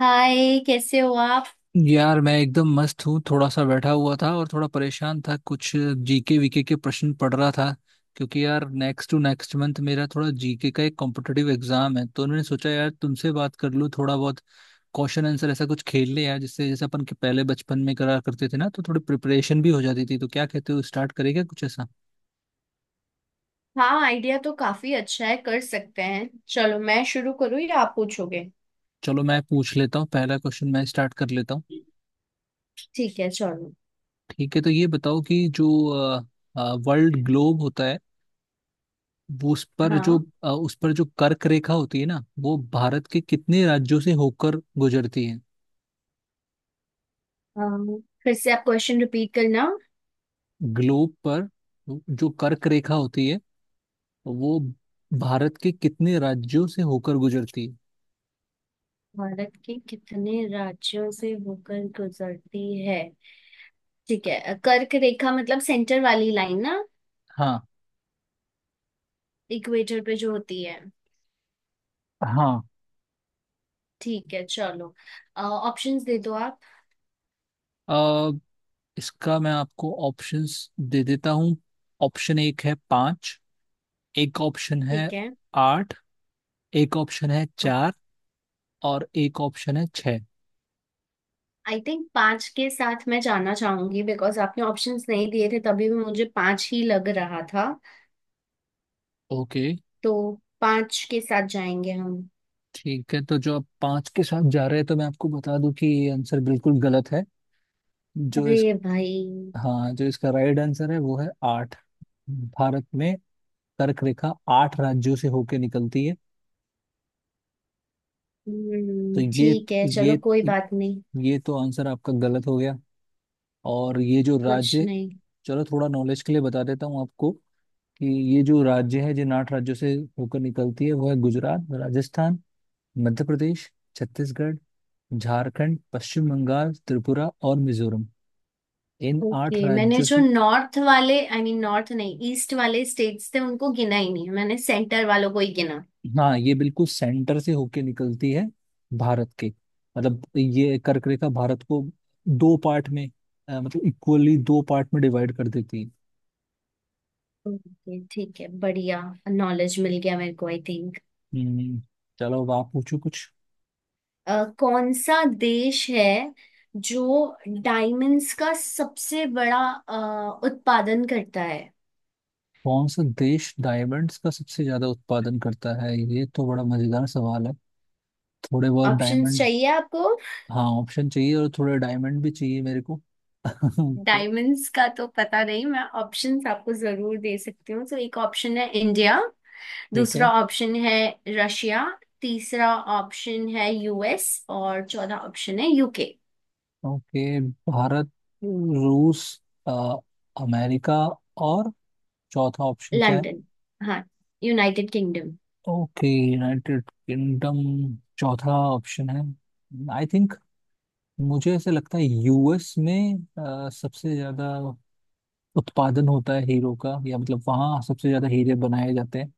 हाय, कैसे हो आप। यार मैं एकदम मस्त हूँ। थोड़ा सा बैठा हुआ था और थोड़ा परेशान था। कुछ जीके वीके के प्रश्न पढ़ रहा था क्योंकि यार नेक्स्ट टू नेक्स्ट मंथ मेरा थोड़ा जीके का एक कॉम्पिटिटिव एग्जाम है। तो उन्होंने सोचा यार तुमसे बात कर लूँ, थोड़ा बहुत क्वेश्चन आंसर ऐसा कुछ खेल ले यार, जिससे जैसे अपन के पहले बचपन में करा करते थे ना, तो थोड़ी प्रिपरेशन भी हो जाती थी। तो क्या कहते हो, स्टार्ट करेगा कुछ ऐसा। हाँ, आइडिया तो काफी अच्छा है। कर सकते हैं। चलो, मैं शुरू करूँ या आप पूछोगे। चलो मैं पूछ लेता हूँ, पहला क्वेश्चन मैं स्टार्ट कर लेता हूँ। ठीक है, चलो। ठीक है तो ये बताओ कि जो वर्ल्ड ग्लोब होता है, वो हाँ। उस पर जो कर्क रेखा होती है ना, वो भारत के कितने राज्यों से होकर गुजरती है। फिर से आप क्वेश्चन रिपीट करना। ग्लोब पर जो कर्क रेखा होती है वो भारत के कितने राज्यों से होकर गुजरती है। भारत के कितने राज्यों से होकर गुजरती है। ठीक है, कर्क रेखा मतलब सेंटर वाली लाइन ना। हाँ। इक्वेटर पे जो होती है। हाँ। ठीक है, चलो। ऑप्शंस दे दो आप। अ, इसका मैं आपको ऑप्शंस दे देता हूँ। ऑप्शन एक है पाँच। एक ऑप्शन है ठीक है। आठ। एक ऑप्शन है चार। और एक ऑप्शन है छः। आई थिंक पांच के साथ मैं जाना चाहूंगी, बिकॉज आपने ऑप्शंस नहीं दिए थे तभी भी मुझे पांच ही लग रहा था। ओके। तो पांच के साथ जाएंगे हम। ठीक है तो जो आप पाँच के साथ जा रहे हैं, तो मैं आपको बता दूं कि ये आंसर बिल्कुल गलत है। जो इस अरे भाई। हाँ, जो इसका राइट आंसर है वो है आठ। भारत में कर्क रेखा आठ राज्यों से होके निकलती है। तो हम्म, ठीक है, ये चलो, कोई बात नहीं। ये तो आंसर आपका गलत हो गया। और ये जो कुछ राज्य, नहीं। चलो थोड़ा नॉलेज के लिए बता देता हूँ आपको कि ये जो राज्य है जिन आठ राज्यों से होकर निकलती है वो है गुजरात, राजस्थान, मध्य प्रदेश, छत्तीसगढ़, झारखंड, पश्चिम बंगाल, त्रिपुरा और मिजोरम। इन आठ ओके, मैंने राज्यों जो से। नॉर्थ वाले, आई मीन नॉर्थ नहीं, ईस्ट वाले स्टेट्स थे उनको गिना ही नहीं, मैंने सेंटर वालों को ही गिना। हाँ, ये बिल्कुल सेंटर से होके निकलती है भारत के। मतलब ये कर्क रेखा भारत को दो पार्ट में, मतलब इक्वली दो पार्ट में डिवाइड कर देती है। ओके, ठीक है, बढ़िया। नॉलेज मिल गया मेरे को आई थिंक। हम्म। चलो अब आप पूछो कुछ। कौन सा देश है जो डायमंड्स का सबसे बड़ा उत्पादन करता है। कौन सा देश डायमंड्स का सबसे ज्यादा उत्पादन करता है, ये तो बड़ा मजेदार सवाल है। थोड़े बहुत ऑप्शंस डायमंड। चाहिए आपको। हाँ ऑप्शन चाहिए, और थोड़े डायमंड भी चाहिए मेरे को। तो डायमंड्स का तो पता नहीं, मैं ऑप्शंस आपको जरूर दे सकती हूँ। तो एक ऑप्शन है इंडिया, ठीक है। दूसरा ऑप्शन है रशिया, तीसरा ऑप्शन है यूएस, और चौथा ऑप्शन है यूके। ओके। भारत, रूस, अ, अमेरिका और चौथा ऑप्शन क्या है। लंदन। हाँ, United Kingdom. Okay, United Kingdom चौथा ऑप्शन है। आई थिंक, मुझे ऐसे लगता है यूएस में सबसे ज्यादा उत्पादन होता है हीरो का, या मतलब वहाँ सबसे ज्यादा हीरे बनाए जाते हैं।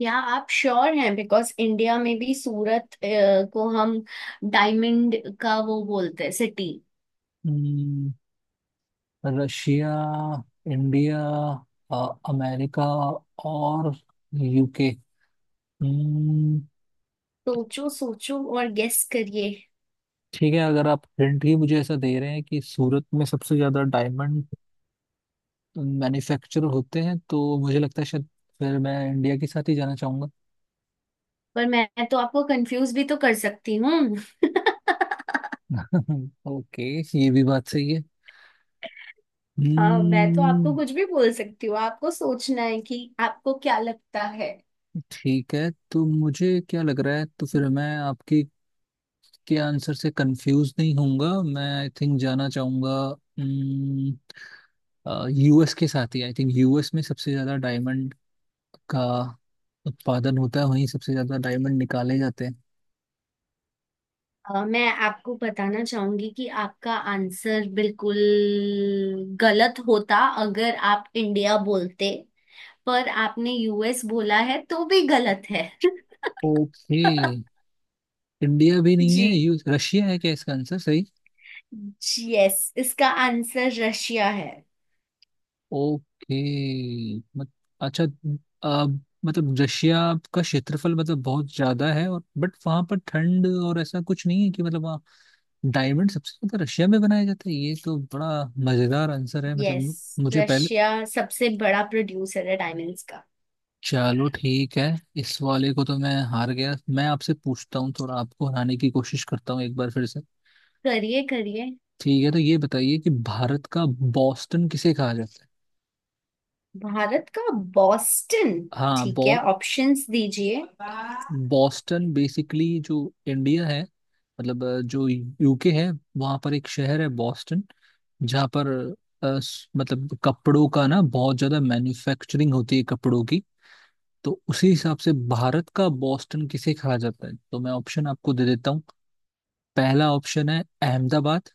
या आप श्योर हैं, बिकॉज इंडिया में भी सूरत को हम डायमंड का वो बोलते हैं city. Hmm, Russia, India, America और यूके। हम्म। सोचो सोचो और गेस करिए। ठीक है, अगर आप हिंट ही मुझे ऐसा दे रहे हैं कि सूरत में सबसे ज्यादा डायमंड मैन्युफैक्चर होते हैं, तो मुझे लगता है शायद फिर मैं इंडिया के साथ ही जाना चाहूंगा। पर मैं तो आपको कंफ्यूज भी तो कर सकती हूँ। ओके, ये भी बात सही है। हाँ, मैं तो आपको हम्म। कुछ भी बोल सकती हूँ, आपको सोचना है कि आपको क्या लगता है। ठीक है, तो मुझे क्या लग रहा है, तो फिर मैं आपके के आंसर से कंफ्यूज नहीं होऊंगा। मैं आई थिंक जाना चाहूंगा यूएस के साथ ही। आई थिंक यूएस में सबसे ज्यादा डायमंड का उत्पादन होता है, वहीं सबसे ज्यादा डायमंड निकाले जाते हैं। मैं आपको बताना चाहूंगी कि आपका आंसर बिल्कुल गलत होता अगर आप इंडिया बोलते। पर आपने यूएस बोला है, तो भी गलत है। ओके। इंडिया भी नहीं जी। है, यूएस। रशिया है क्या इसका आंसर सही। यस, इसका आंसर रशिया है। ओके। मत, अच्छा, अब मतलब रशिया का क्षेत्रफल मतलब बहुत ज्यादा है, और बट वहां पर ठंड और ऐसा कुछ नहीं है कि मतलब वहाँ डायमंड सबसे ज्यादा रशिया में बनाया जाता है, ये तो बड़ा मजेदार आंसर है। यस, मतलब मुझे पहले, रशिया सबसे बड़ा प्रोड्यूसर है डायमंड्स का। चलो ठीक है। इस वाले को तो मैं हार गया, मैं आपसे पूछता हूँ, थोड़ा आपको हराने की कोशिश करता हूँ एक बार फिर से। करिए करिए। ठीक है तो ये बताइए कि भारत का बॉस्टन किसे कहा जाता है। भारत का बॉस्टन। हाँ। ठीक बॉ है, ऑप्शंस दीजिए। बॉस्टन बेसिकली, जो इंडिया है, मतलब जो यूके है, वहाँ पर एक शहर है बॉस्टन, जहाँ पर मतलब कपड़ों का ना बहुत ज़्यादा मैन्युफैक्चरिंग होती है कपड़ों की। तो उसी हिसाब से भारत का बॉस्टन किसे कहा जाता है, तो मैं ऑप्शन आपको दे देता हूँ। पहला ऑप्शन है अहमदाबाद।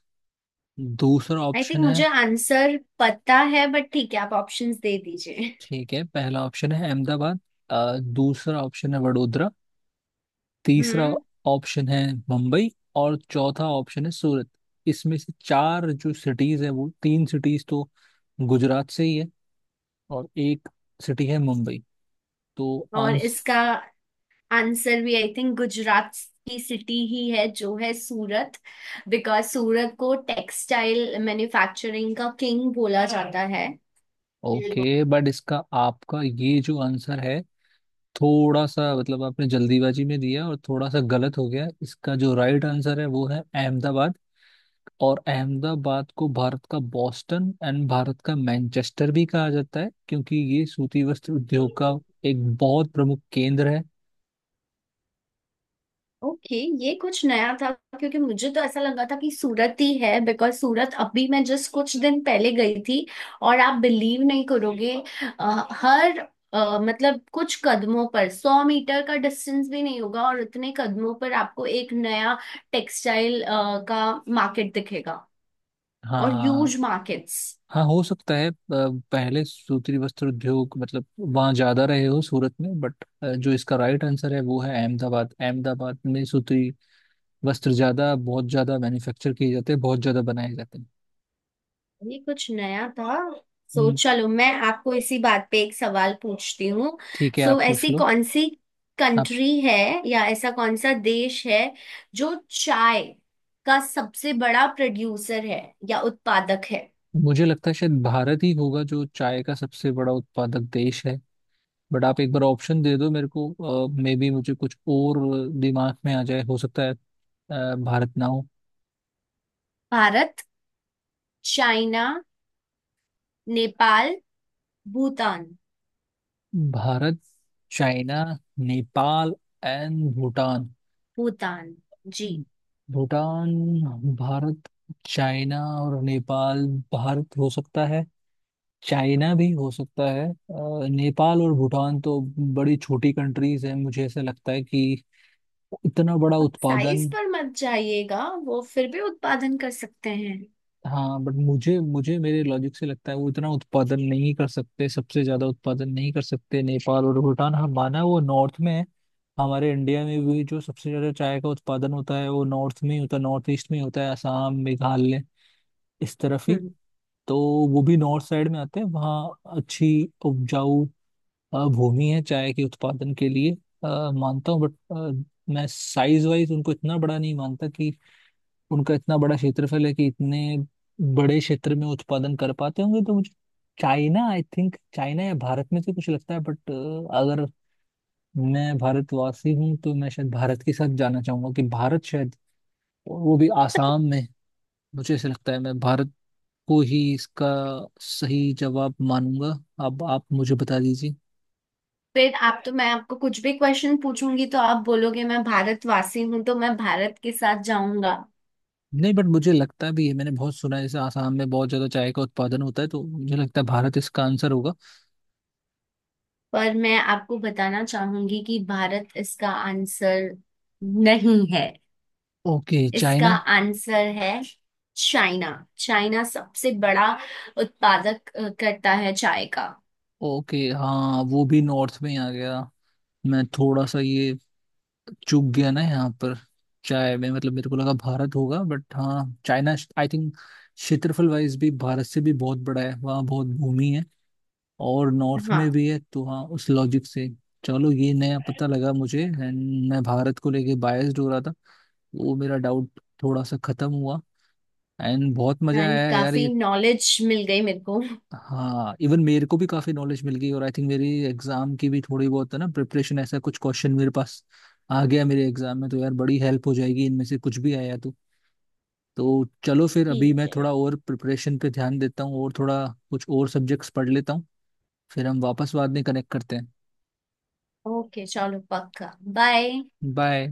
दूसरा आई थिंक ऑप्शन है, मुझे आंसर पता है, बट ठीक है, आप ऑप्शंस दे दीजिए। ठीक है पहला ऑप्शन है अहमदाबाद। दूसरा ऑप्शन है वडोदरा। तीसरा हम्म। ऑप्शन है मुंबई। और चौथा ऑप्शन है सूरत। इसमें से चार जो सिटीज है, वो तीन सिटीज तो गुजरात से ही है, और एक सिटी है मुंबई। तो और आंस इसका आंसर भी आई थिंक गुजरात की सिटी ही है, जो है सूरत। बिकॉज सूरत को टेक्सटाइल मैन्युफैक्चरिंग का किंग बोला जाता है। ओके, बट इसका आपका ये जो आंसर है, थोड़ा सा मतलब आपने जल्दीबाजी में दिया और थोड़ा सा गलत हो गया। इसका जो राइट आंसर है वो है अहमदाबाद। और अहमदाबाद को भारत का बॉस्टन एंड भारत का मैनचेस्टर भी कहा जाता है, क्योंकि ये सूती वस्त्र उद्योग का एक बहुत प्रमुख केंद्र है। ओके। ये कुछ नया था, क्योंकि मुझे तो ऐसा लगा था कि सूरत ही है, बिकॉज सूरत अभी मैं जस्ट कुछ दिन पहले गई थी। और आप बिलीव नहीं करोगे, अ, हर मतलब कुछ कदमों पर 100 मीटर का डिस्टेंस भी नहीं होगा, और उतने कदमों पर आपको एक नया टेक्सटाइल का मार्केट दिखेगा। और ह्यूज हाँ। मार्केट्स। हाँ, हो सकता है पहले सूती वस्त्र उद्योग मतलब वहाँ ज्यादा रहे हो सूरत में, बट जो इसका राइट आंसर है वो है अहमदाबाद। अहमदाबाद में सूती वस्त्र ज्यादा, बहुत ज्यादा मैन्युफैक्चर किए जाते हैं, बहुत ज्यादा बनाए जाते हैं। ये कुछ नया था। सो हम्म। चलो, मैं आपको इसी बात पे एक सवाल पूछती हूँ। ठीक है, सो आप पूछ ऐसी लो। कौन सी आप। कंट्री है, या ऐसा कौन सा देश है जो चाय का सबसे बड़ा प्रोड्यूसर है या उत्पादक है। मुझे लगता है शायद भारत ही होगा जो चाय का सबसे बड़ा उत्पादक देश है, बट आप एक बार ऑप्शन दे दो मेरे को, मे बी मुझे कुछ और दिमाग में आ जाए, हो सकता है भारत ना हो। Bharat, China, Nepal, Bhutan. Bharat, China, Nepal and Bhutan. Bhutan ji. Bhutan. Bharat, China और नेपाल। भारत हो सकता है, चाइना भी हो सकता है, नेपाल और भूटान तो बड़ी छोटी कंट्रीज हैं। मुझे ऐसा लगता है कि इतना बड़ा उत्पादन, साइज पर मत जाइएगा, वो फिर भी उत्पादन कर सकते हैं। हाँ बट मुझे मुझे मेरे लॉजिक से लगता है वो इतना उत्पादन नहीं कर सकते, सबसे ज्यादा उत्पादन नहीं कर सकते। नेपाल और भूटान, हम माना वो नॉर्थ में है, हमारे इंडिया में भी जो सबसे ज्यादा चाय का उत्पादन होता है वो नॉर्थ में ही होता है, नॉर्थ ईस्ट में ही होता है, असम मेघालय इस तरफ ही। हम्म। तो वो भी नॉर्थ साइड में आते हैं, वहाँ अच्छी उपजाऊ भूमि है चाय के उत्पादन के लिए, मानता हूँ, बट मैं साइज वाइज उनको इतना बड़ा नहीं मानता कि उनका इतना बड़ा क्षेत्रफल है कि इतने बड़े क्षेत्र में उत्पादन कर पाते होंगे। तो मुझे चाइना, आई थिंक चाइना या भारत में से कुछ लगता है। बट अगर मैं भारतवासी हूँ, तो मैं शायद भारत के साथ जाना चाहूंगा कि भारत शायद, और वो भी आसाम में। मुझे ऐसा लगता है, मैं भारत को ही इसका सही जवाब मानूंगा। अब आप मुझे बता दीजिए। फिर आप तो मैं आपको कुछ भी क्वेश्चन पूछूंगी तो आप बोलोगे मैं भारतवासी हूं तो मैं भारत के साथ जाऊंगा। नहीं बट मुझे लगता भी है, मैंने बहुत सुना है जैसे आसाम में बहुत ज्यादा चाय का उत्पादन होता है, तो मुझे लगता है भारत इसका आंसर होगा। पर मैं आपको बताना चाहूंगी कि भारत इसका आंसर नहीं है। ओके इसका चाइना। आंसर है चाइना। चाइना सबसे बड़ा उत्पादक करता है चाय का। ओके, हाँ, वो भी नॉर्थ में ही आ गया। मैं थोड़ा सा ये चूक गया ना यहाँ पर चाय में, मतलब मेरे को लगा भारत होगा, बट हाँ चाइना, आई थिंक क्षेत्रफल वाइज भी भारत से भी बहुत बड़ा है, वहाँ बहुत भूमि है और नॉर्थ में हाँ। भी है, तो हाँ उस लॉजिक से। चलो, ये नया पता लगा मुझे, एंड मैं भारत को लेके बायस्ड हो रहा था, वो मेरा डाउट थोड़ा सा खत्म हुआ। एंड बहुत मजा एंड आया यार काफी ये। नॉलेज मिल गई मेरे को। हाँ, इवन मेरे को भी काफी नॉलेज मिल गई, और आई थिंक मेरी एग्जाम की भी थोड़ी बहुत है ना प्रिपरेशन, ऐसा कुछ क्वेश्चन मेरे पास आ गया मेरे एग्जाम में, तो यार बड़ी हेल्प हो जाएगी, इनमें से कुछ भी आया तो। तो चलो, फिर अभी ठीक मैं है। थोड़ा और प्रिपरेशन पे ध्यान देता हूँ, और थोड़ा कुछ और सब्जेक्ट्स पढ़ लेता हूँ। फिर हम वापस बाद में कनेक्ट करते हैं। ओके, चलो, पक्का, बाय। बाय।